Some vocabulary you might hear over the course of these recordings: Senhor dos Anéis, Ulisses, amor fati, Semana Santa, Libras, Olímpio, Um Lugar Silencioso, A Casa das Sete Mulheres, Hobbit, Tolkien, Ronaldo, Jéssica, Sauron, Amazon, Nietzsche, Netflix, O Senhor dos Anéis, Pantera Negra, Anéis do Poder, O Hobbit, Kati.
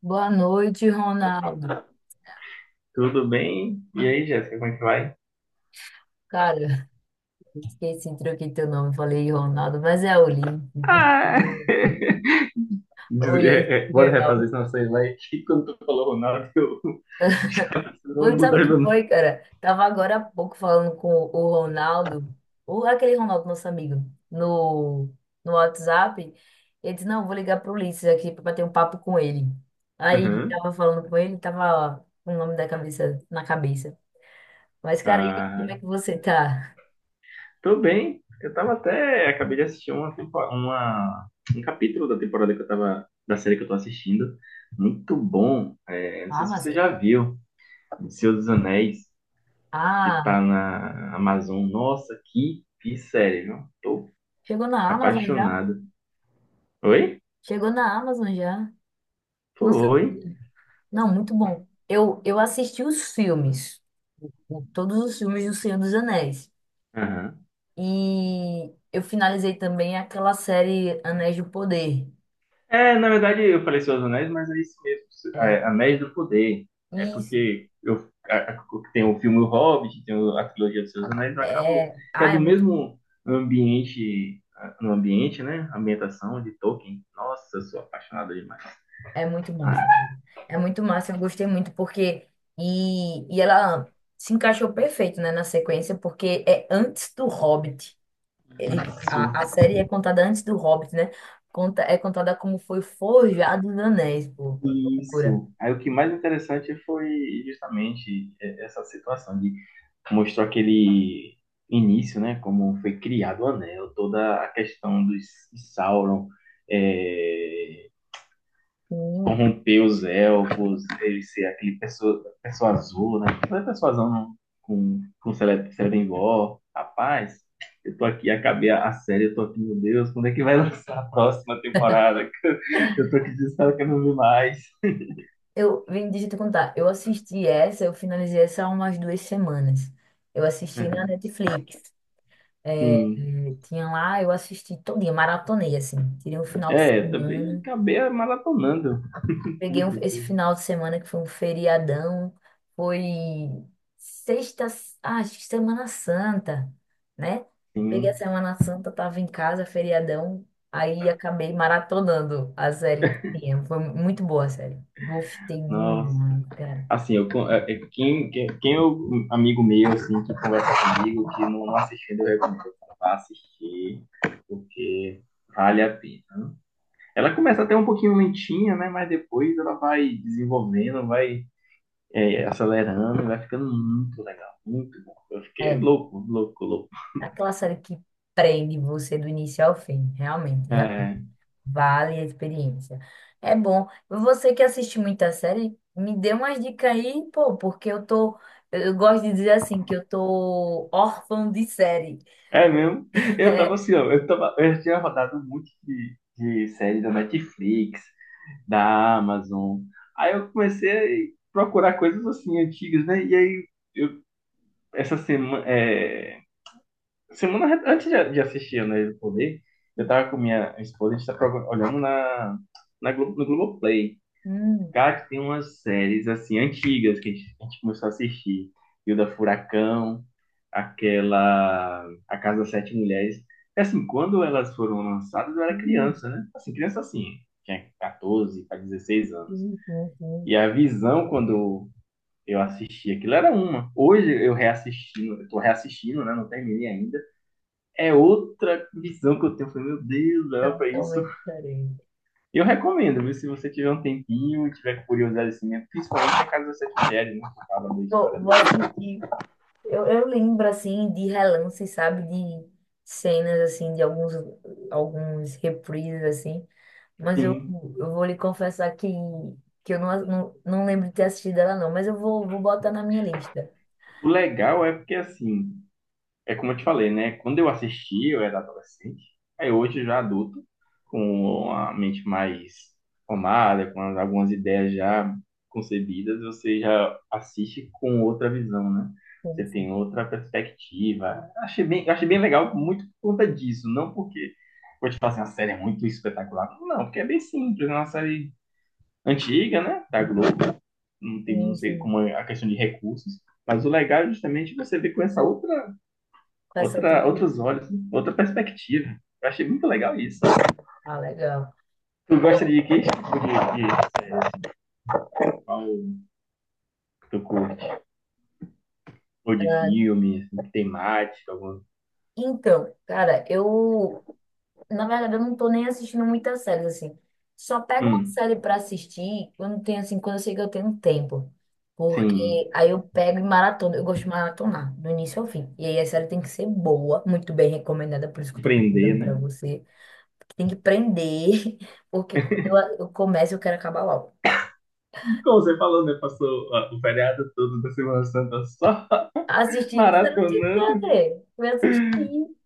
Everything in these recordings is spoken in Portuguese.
Boa noite, Ronaldo. Tudo bem? E aí, Jéssica, como é que vai? Cara, esqueci, troquei teu nome, falei Ronaldo, mas é Olímpio. Ah, Olímpio, Bora foi refazer mal. senão você vai que quando tu falou Ronaldo, eu eu vou Foi, sabe o mudar que meu nome. foi, cara? Tava agora há pouco falando com o Ronaldo, aquele Ronaldo, nosso amigo, no, no WhatsApp. Ele disse, não, vou ligar pro Ulisses aqui pra bater um papo com ele. Aí, Uhum. tava falando com ele, tava com o nome da cabeça, na cabeça. Mas, cara, e aí, como Ah, é que você tá? Tô bem. Eu tava até. Acabei de assistir um capítulo da temporada que eu tava. Da série que eu tô assistindo. Muito bom. É, não sei se você Amazon? já viu. O Senhor dos Anéis, que Ah, tá na Amazon. Nossa, que série, viu? Tô chegou na Amazon já? apaixonado. Oi? Chegou na Amazon já? Não Foi. sabia. Não, muito bom. Eu assisti os filmes, todos os filmes do Senhor dos Anéis. Aham. E eu finalizei também aquela série Anéis do Poder. É, na verdade, eu falei Seus Anéis, mas é isso mesmo, É, é, Anéis do Poder. É isso. porque eu a- a- tem o filme O Hobbit, tem a trilogia dos Seus Anéis, eu acabo É, que é do mesmo ambiente, no ambiente, né? Ambientação de Tolkien. Nossa, eu sou apaixonado demais. é muito massa, Ah, né? É muito massa, eu gostei muito porque e ela se encaixou perfeito, né, na sequência, porque é antes do Hobbit. A série é contada antes do Hobbit, né? É contada como foi forjado os anéis, pô. Loucura. Isso. Aí o que mais interessante foi justamente essa situação de mostrou aquele início, né? Como foi criado o Anel, toda a questão dos de Sauron é, Hum. corromper os elfos, ele ser pessoa azul, né? Aquela pessoa azul com, com Celebrimbor. Rapaz, eu tô aqui, acabei a série, eu tô aqui, meu Deus, quando é que vai lançar a próxima temporada? Eu tô aqui desesperado que eu não vi mais. Deixa eu te contar. Eu assisti essa, eu finalizei essa há umas 2 semanas. Eu assisti na Netflix. É, Sim, tinha lá, eu assisti todo dia, maratonei, assim. Tirei um final de é, também semana. acabei maratonando tudo, Esse tudo. final de semana que foi um feriadão, foi sexta, acho que Semana Santa, né? Peguei a Sim, Semana Santa, tava em casa, feriadão, aí acabei maratonando a série que tinha. Foi muito boa a série. Gostei nossa. demais, cara. Assim, eu, con- é- é quem, quem, quem é o amigo meu, assim, que conversa comigo, que não assistiu, eu recomendo pra assistir, porque vale a pena. Ela começa até um pouquinho lentinha, né, mas depois ela vai desenvolvendo, vai acelerando, e vai ficando muito legal, muito bom. Eu fiquei É, louco. aquela série que prende você do início ao fim, realmente. É. Vale a experiência. É bom. Você que assiste muita série, me dê umas dicas aí, pô, porque eu tô. Eu gosto de dizer assim, que eu tô órfão de série. É mesmo? Eu tava É. assim, ó, eu já tinha rodado um monte de série da Netflix, da Amazon. Aí eu comecei a procurar coisas assim antigas, né? E aí eu, essa semana, antes de assistir né, o Poder, eu tava com minha esposa, a gente tá procu- olhando na, no Globoplay. Hum, Cara, que tem umas séries assim antigas que a gente começou a assistir. E o da Furacão aquela A Casa das Sete Mulheres. É assim, quando elas foram lançadas, eu era sim, criança, né? Assim, criança assim, tinha 14 para 16 anos. sim, sim, sim. E a visão, quando eu assisti aquilo, era uma. Hoje eu reassistindo, eu tô reassistindo, né? Não terminei ainda. É outra visão que eu tenho. Eu falei, meu Deus, dava pra isso. Totalmente diferente. Eu recomendo, viu? Se você tiver um tempinho e tiver curiosidade assim, mesmo, principalmente a Casa das Sete Mulheres, né? Que fala da Pô, história do. vou assistir. Eu lembro, assim, de relance, sabe? De cenas, assim, de alguns reprises, assim. Mas eu, Sim. eu vou lhe confessar que eu não lembro de ter assistido ela, não. Mas eu vou botar na minha lista. O legal é porque assim é como eu te falei, né? Quando eu assisti, eu era adolescente. Aí hoje, já adulto, com a mente mais formada, com algumas ideias já concebidas, você já assiste com outra visão, né? Sim, Você tem sim. outra perspectiva. Achei bem legal, muito por conta disso. Não porque, vou te falar assim, a série é muito espetacular. Não, porque é bem simples. É uma série antiga, né? Da Globo. Não tem, não Sim, sei sim. como é a questão de recursos. Mas o legal é justamente você ver com essa Com essa outra outros beleza. olhos, outra perspectiva. Eu achei muito legal isso. Ah, legal. Tu gosta Ó, de que tipo de série? Qual tu curte? Ou de ah, filme, assim, temática, alguma. então, cara, eu na verdade, eu não tô nem assistindo muitas séries, assim. Só pego uma Hum, série pra assistir quando tem, assim, quando eu sei que eu tenho tempo. Porque sim. aí eu pego e maratona. Eu gosto de maratonar, do início ao fim. E aí a série tem que ser boa, muito bem recomendada, por Pra isso que eu te tô perguntando prender, pra né? você. Tem que prender, porque quando eu começo, eu quero acabar logo. Como você falou, né? Passou ó, o feriado todo da Semana Santa só Assistindo, você não tem o que maratonando fazer. Vai assistir.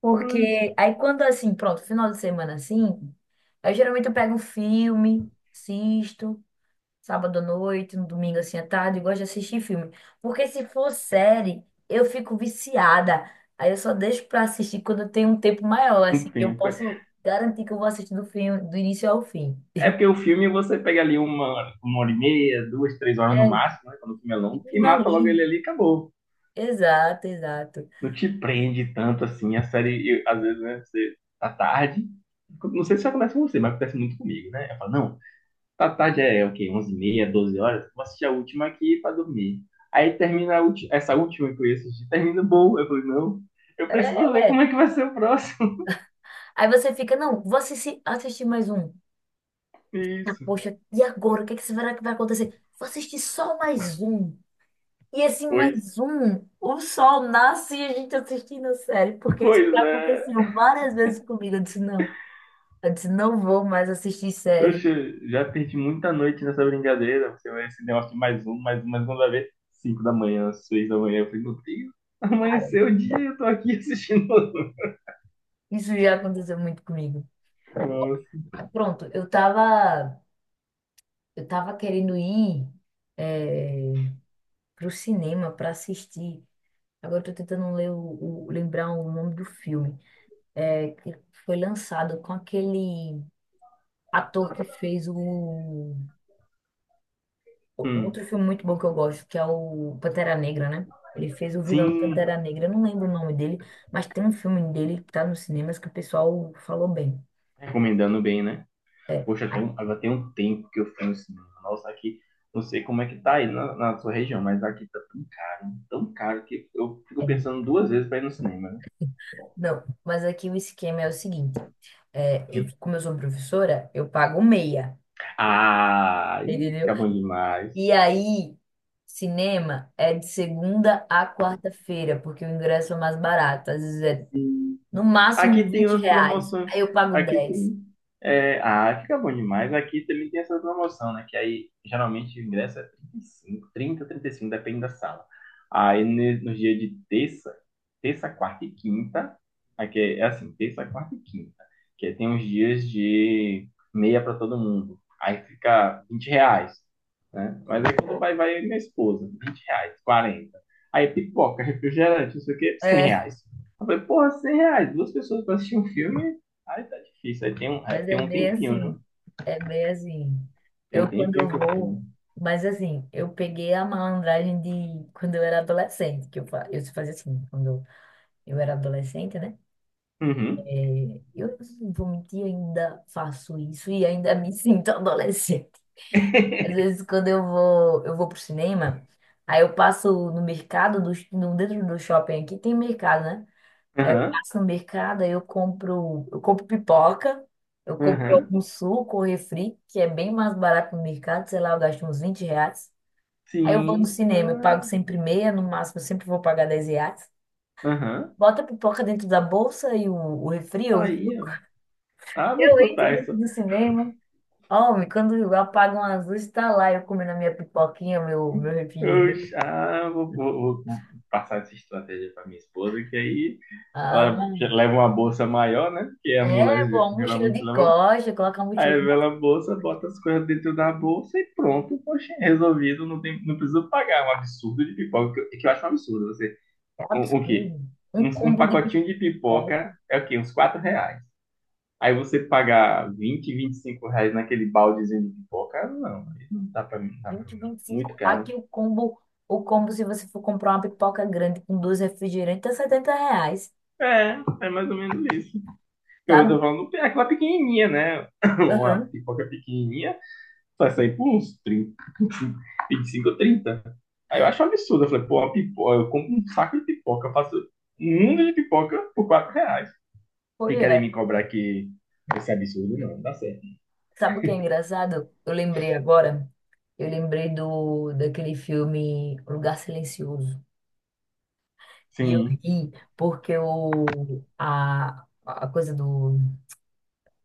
Porque coisas. aí quando, assim, pronto, final de semana, assim, aí geralmente eu pego um filme, assisto. Sábado à noite, no domingo assim à tarde, eu gosto de assistir filme. Porque se for série, eu fico viciada. Aí eu só deixo pra assistir quando eu tenho um tempo maior, Um assim, que eu tempo. É. posso garantir que eu vou assistir do filme, do início ao fim. É porque o filme você pega ali uma hora e meia, duas, três horas É, no máximo, né? Quando o filme é e longo, e mata logo ele finalizo. ali e acabou. Exato, exato. Não te prende tanto assim. A série, às vezes, né, você tá tarde. Não sei se acontece com você, mas acontece muito comigo, né? Eu falo, não, tá tarde é o quê? 11:30, 12 horas? Vou assistir a última aqui pra dormir. Aí termina essa última que eu ia assistir, termina boa. Eu falei, não, eu É. preciso ver como é. é que vai ser o próximo. Aí você fica, não, vou assistir mais um. Ah, Isso. poxa, e agora? O que é que será que vai acontecer? Vou assistir só mais um. E assim, Pois, mais um, o sol nasce e a gente assistindo a série, porque isso pois já é. aconteceu várias vezes comigo. Eu disse, não vou mais assistir série. Oxe, já perdi muita noite nessa brincadeira. Você vai esse negócio de mais um, mais um, mais um, vai ver. 5 da manhã, 6 da manhã. Eu falei, meu Deus, Cara, amanheceu o dia e eu tô aqui assistindo. isso já aconteceu muito comigo. Nossa. Aí, pronto, eu tava querendo ir é, pro cinema para assistir. Agora eu tô tentando lembrar o nome do filme, que foi lançado com aquele ator que fez o Hum, outro filme muito bom que eu gosto, que é o Pantera Negra, né? Ele fez o vilão do Sim, Pantera Negra, eu não lembro o nome dele, mas tem um filme dele que tá nos cinemas que o pessoal falou bem. recomendando bem, né? Poxa, tem Ah, um, agora tem um tempo que eu fui no cinema. Nossa, aqui, não sei como é que tá aí na, na sua região, mas aqui tá tão caro que eu fico é. pensando duas vezes pra ir no cinema, né? Não, mas aqui o esquema é o seguinte: Hum. como eu sou professora, eu pago meia, Ah, e entendeu? fica bom demais. E aí, cinema é de segunda a quarta-feira, porque o ingresso é mais barato, às vezes é no máximo Aqui tem 20 umas reais, promoções. aí eu pago Aqui 10. tem. É, ah, fica bom demais. Aqui também tem essa promoção, né? Que aí geralmente o ingresso é trinta e cinco, 35, depende da sala. Nos dias de quarta e quinta, aqui é, é assim, terça, quarta e quinta, que aí tem uns dias de meia para todo mundo. Aí fica R$ 20, né? Mas aí quando vai, vai minha esposa, R$ 20, 40. Aí pipoca, refrigerante, não sei o quê, 100 É. reais. Eu falei, porra, R$ 100, duas pessoas pra assistir um filme, aí tá difícil, aí Mas é tem um bem tempinho, viu? assim, é bem assim. Tem um Eu tempinho quando que eu fui. vou, mas assim, eu peguei a malandragem de quando eu era adolescente, que eu fazia assim, quando eu era adolescente, né? Uhum, É, eu não vou mentir, ainda faço isso e ainda me sinto adolescente. Às vezes quando eu vou, pro cinema, aí eu passo no mercado, do, no, dentro do shopping aqui tem mercado, né? Aí eu aham, passo no mercado, aí eu compro pipoca, eu compro aham, algum suco ou refri, que é bem mais barato no mercado, sei lá, eu gasto uns 20 reais. Aí eu vou no sim, cinema, eu pago ah, sempre meia, no máximo eu sempre vou pagar 10 reais. aham, Bota a pipoca dentro da bolsa e o refri ou o aí, suco. ó. Ah, vou Eu entro contar dentro isso. do cinema. Homem, quando eu apagam as luzes, tá lá eu comendo a minha pipoquinha, meu Eu, refrigerante. já- ah, vou, vou- vou- Vou passar essa estratégia pra minha esposa, que aí ela já Ah, leva uma bolsa maior, né? Porque a é, mulher pô, a mochila geralmente de leva. costa, coloca a Aí mochila de revela costa. a bolsa, bota as coisas dentro da bolsa e pronto. Poxa, resolvido, não, tem, não precisa pagar. É um absurdo de pipoca, que que eu acho um absurdo. Você, É um, o quê? absurdo. Um Um combo de pacotinho de pipoca. pipoca é o quê? Uns R$ 4. Aí você pagar vinte e cinco reais naquele baldezinho de pipoca, não, aí não dá pra Vinte mim, não. vinte e Muito cinco caro. Aqui o combo, se você for comprar uma pipoca grande com dois refrigerantes, é 70 reais, É, é mais ou menos isso. Eu tô sabe? falando é aquela pequenininha, né? Uma Aham, pipoca pequenininha vai sair por uns 25 ou 30. Aí eu acho um absurdo. Eu falei, pô, a pipoca, eu compro um saco de pipoca, eu faço um mundo de pipoca por R$ 4. pois E querem me é. cobrar que esse absurdo não, não dá certo. Sabe o que é engraçado? Eu lembrei agora, eu lembrei do daquele filme O Lugar Silencioso. E eu Sim. ri porque a coisa do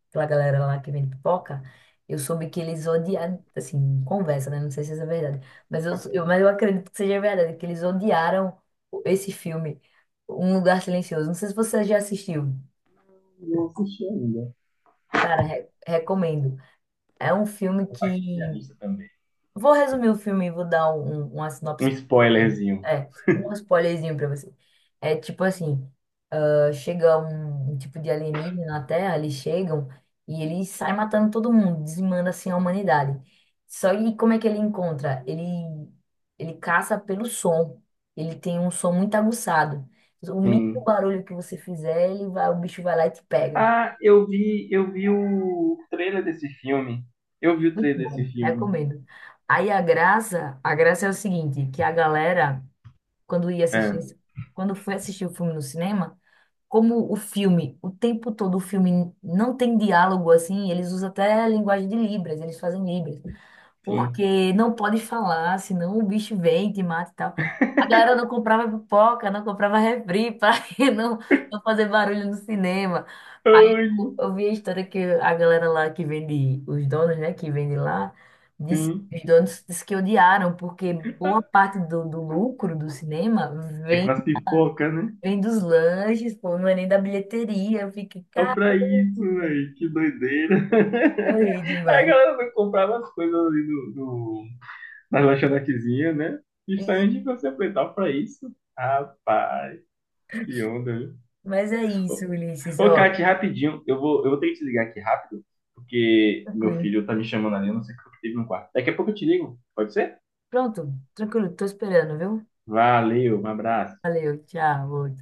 aquela galera lá que vende pipoca, eu soube que eles odiaram, assim, conversa, né? Não sei se isso é verdade, mas mas eu acredito que seja verdade, que eles odiaram esse filme, Um Lugar Silencioso. Não sei se você já assistiu. Não assisti ainda. Cara, recomendo. É um filme que... Minha lista também. Vou resumir o filme e vou dar uma Um sinopse. spoilerzinho. É, um spoilerzinho pra você. É tipo assim, chega um tipo de alienígena na Terra, eles chegam e ele sai matando todo mundo, dizimando assim a humanidade. Só que como é que ele encontra? Ele caça pelo som. Ele tem um som muito aguçado. O mínimo Sim. barulho que você fizer, ele vai, o bicho vai lá e te pega. Ah, eu vi o trailer desse filme. Eu vi o Muito trailer desse bom, filme. recomendo. Aí a graça é o seguinte, que a galera, quando ia É, assistir, quando foi assistir o filme no cinema, como o filme, o tempo todo o filme não tem diálogo assim, eles usam até a linguagem de Libras, eles fazem Libras, sim. porque não pode falar, senão o bicho vem, te mata e tal. A galera não comprava pipoca, não comprava refri para não, não fazer barulho no cinema. Aí Ai, eu vi a história que a galera lá que vende, os donos, né, que vende lá, disse, sim. os donos disse que odiaram, porque boa parte do lucro do cinema É vem com as pipocas, né? Vem dos lanches, pô, não é nem da bilheteria. Eu fiquei, Só caramba, pra isso, velho. Que doideira. eu ri Aí a demais. galera não comprava as coisas ali do na lanchonetezinha, né? E, Justamente pra se aproveitar pra isso. Rapaz, que onda, viu? mas é isso, Ulisses, Ô, ó, Kati, rapidinho, eu vou ter que te ligar aqui rápido, porque meu tranquilo. filho tá me chamando ali, eu não sei o que teve no quarto. Daqui a pouco eu te ligo, pode ser? Pronto, tranquilo, tô esperando, viu? Valeu, um abraço. Valeu, tchau.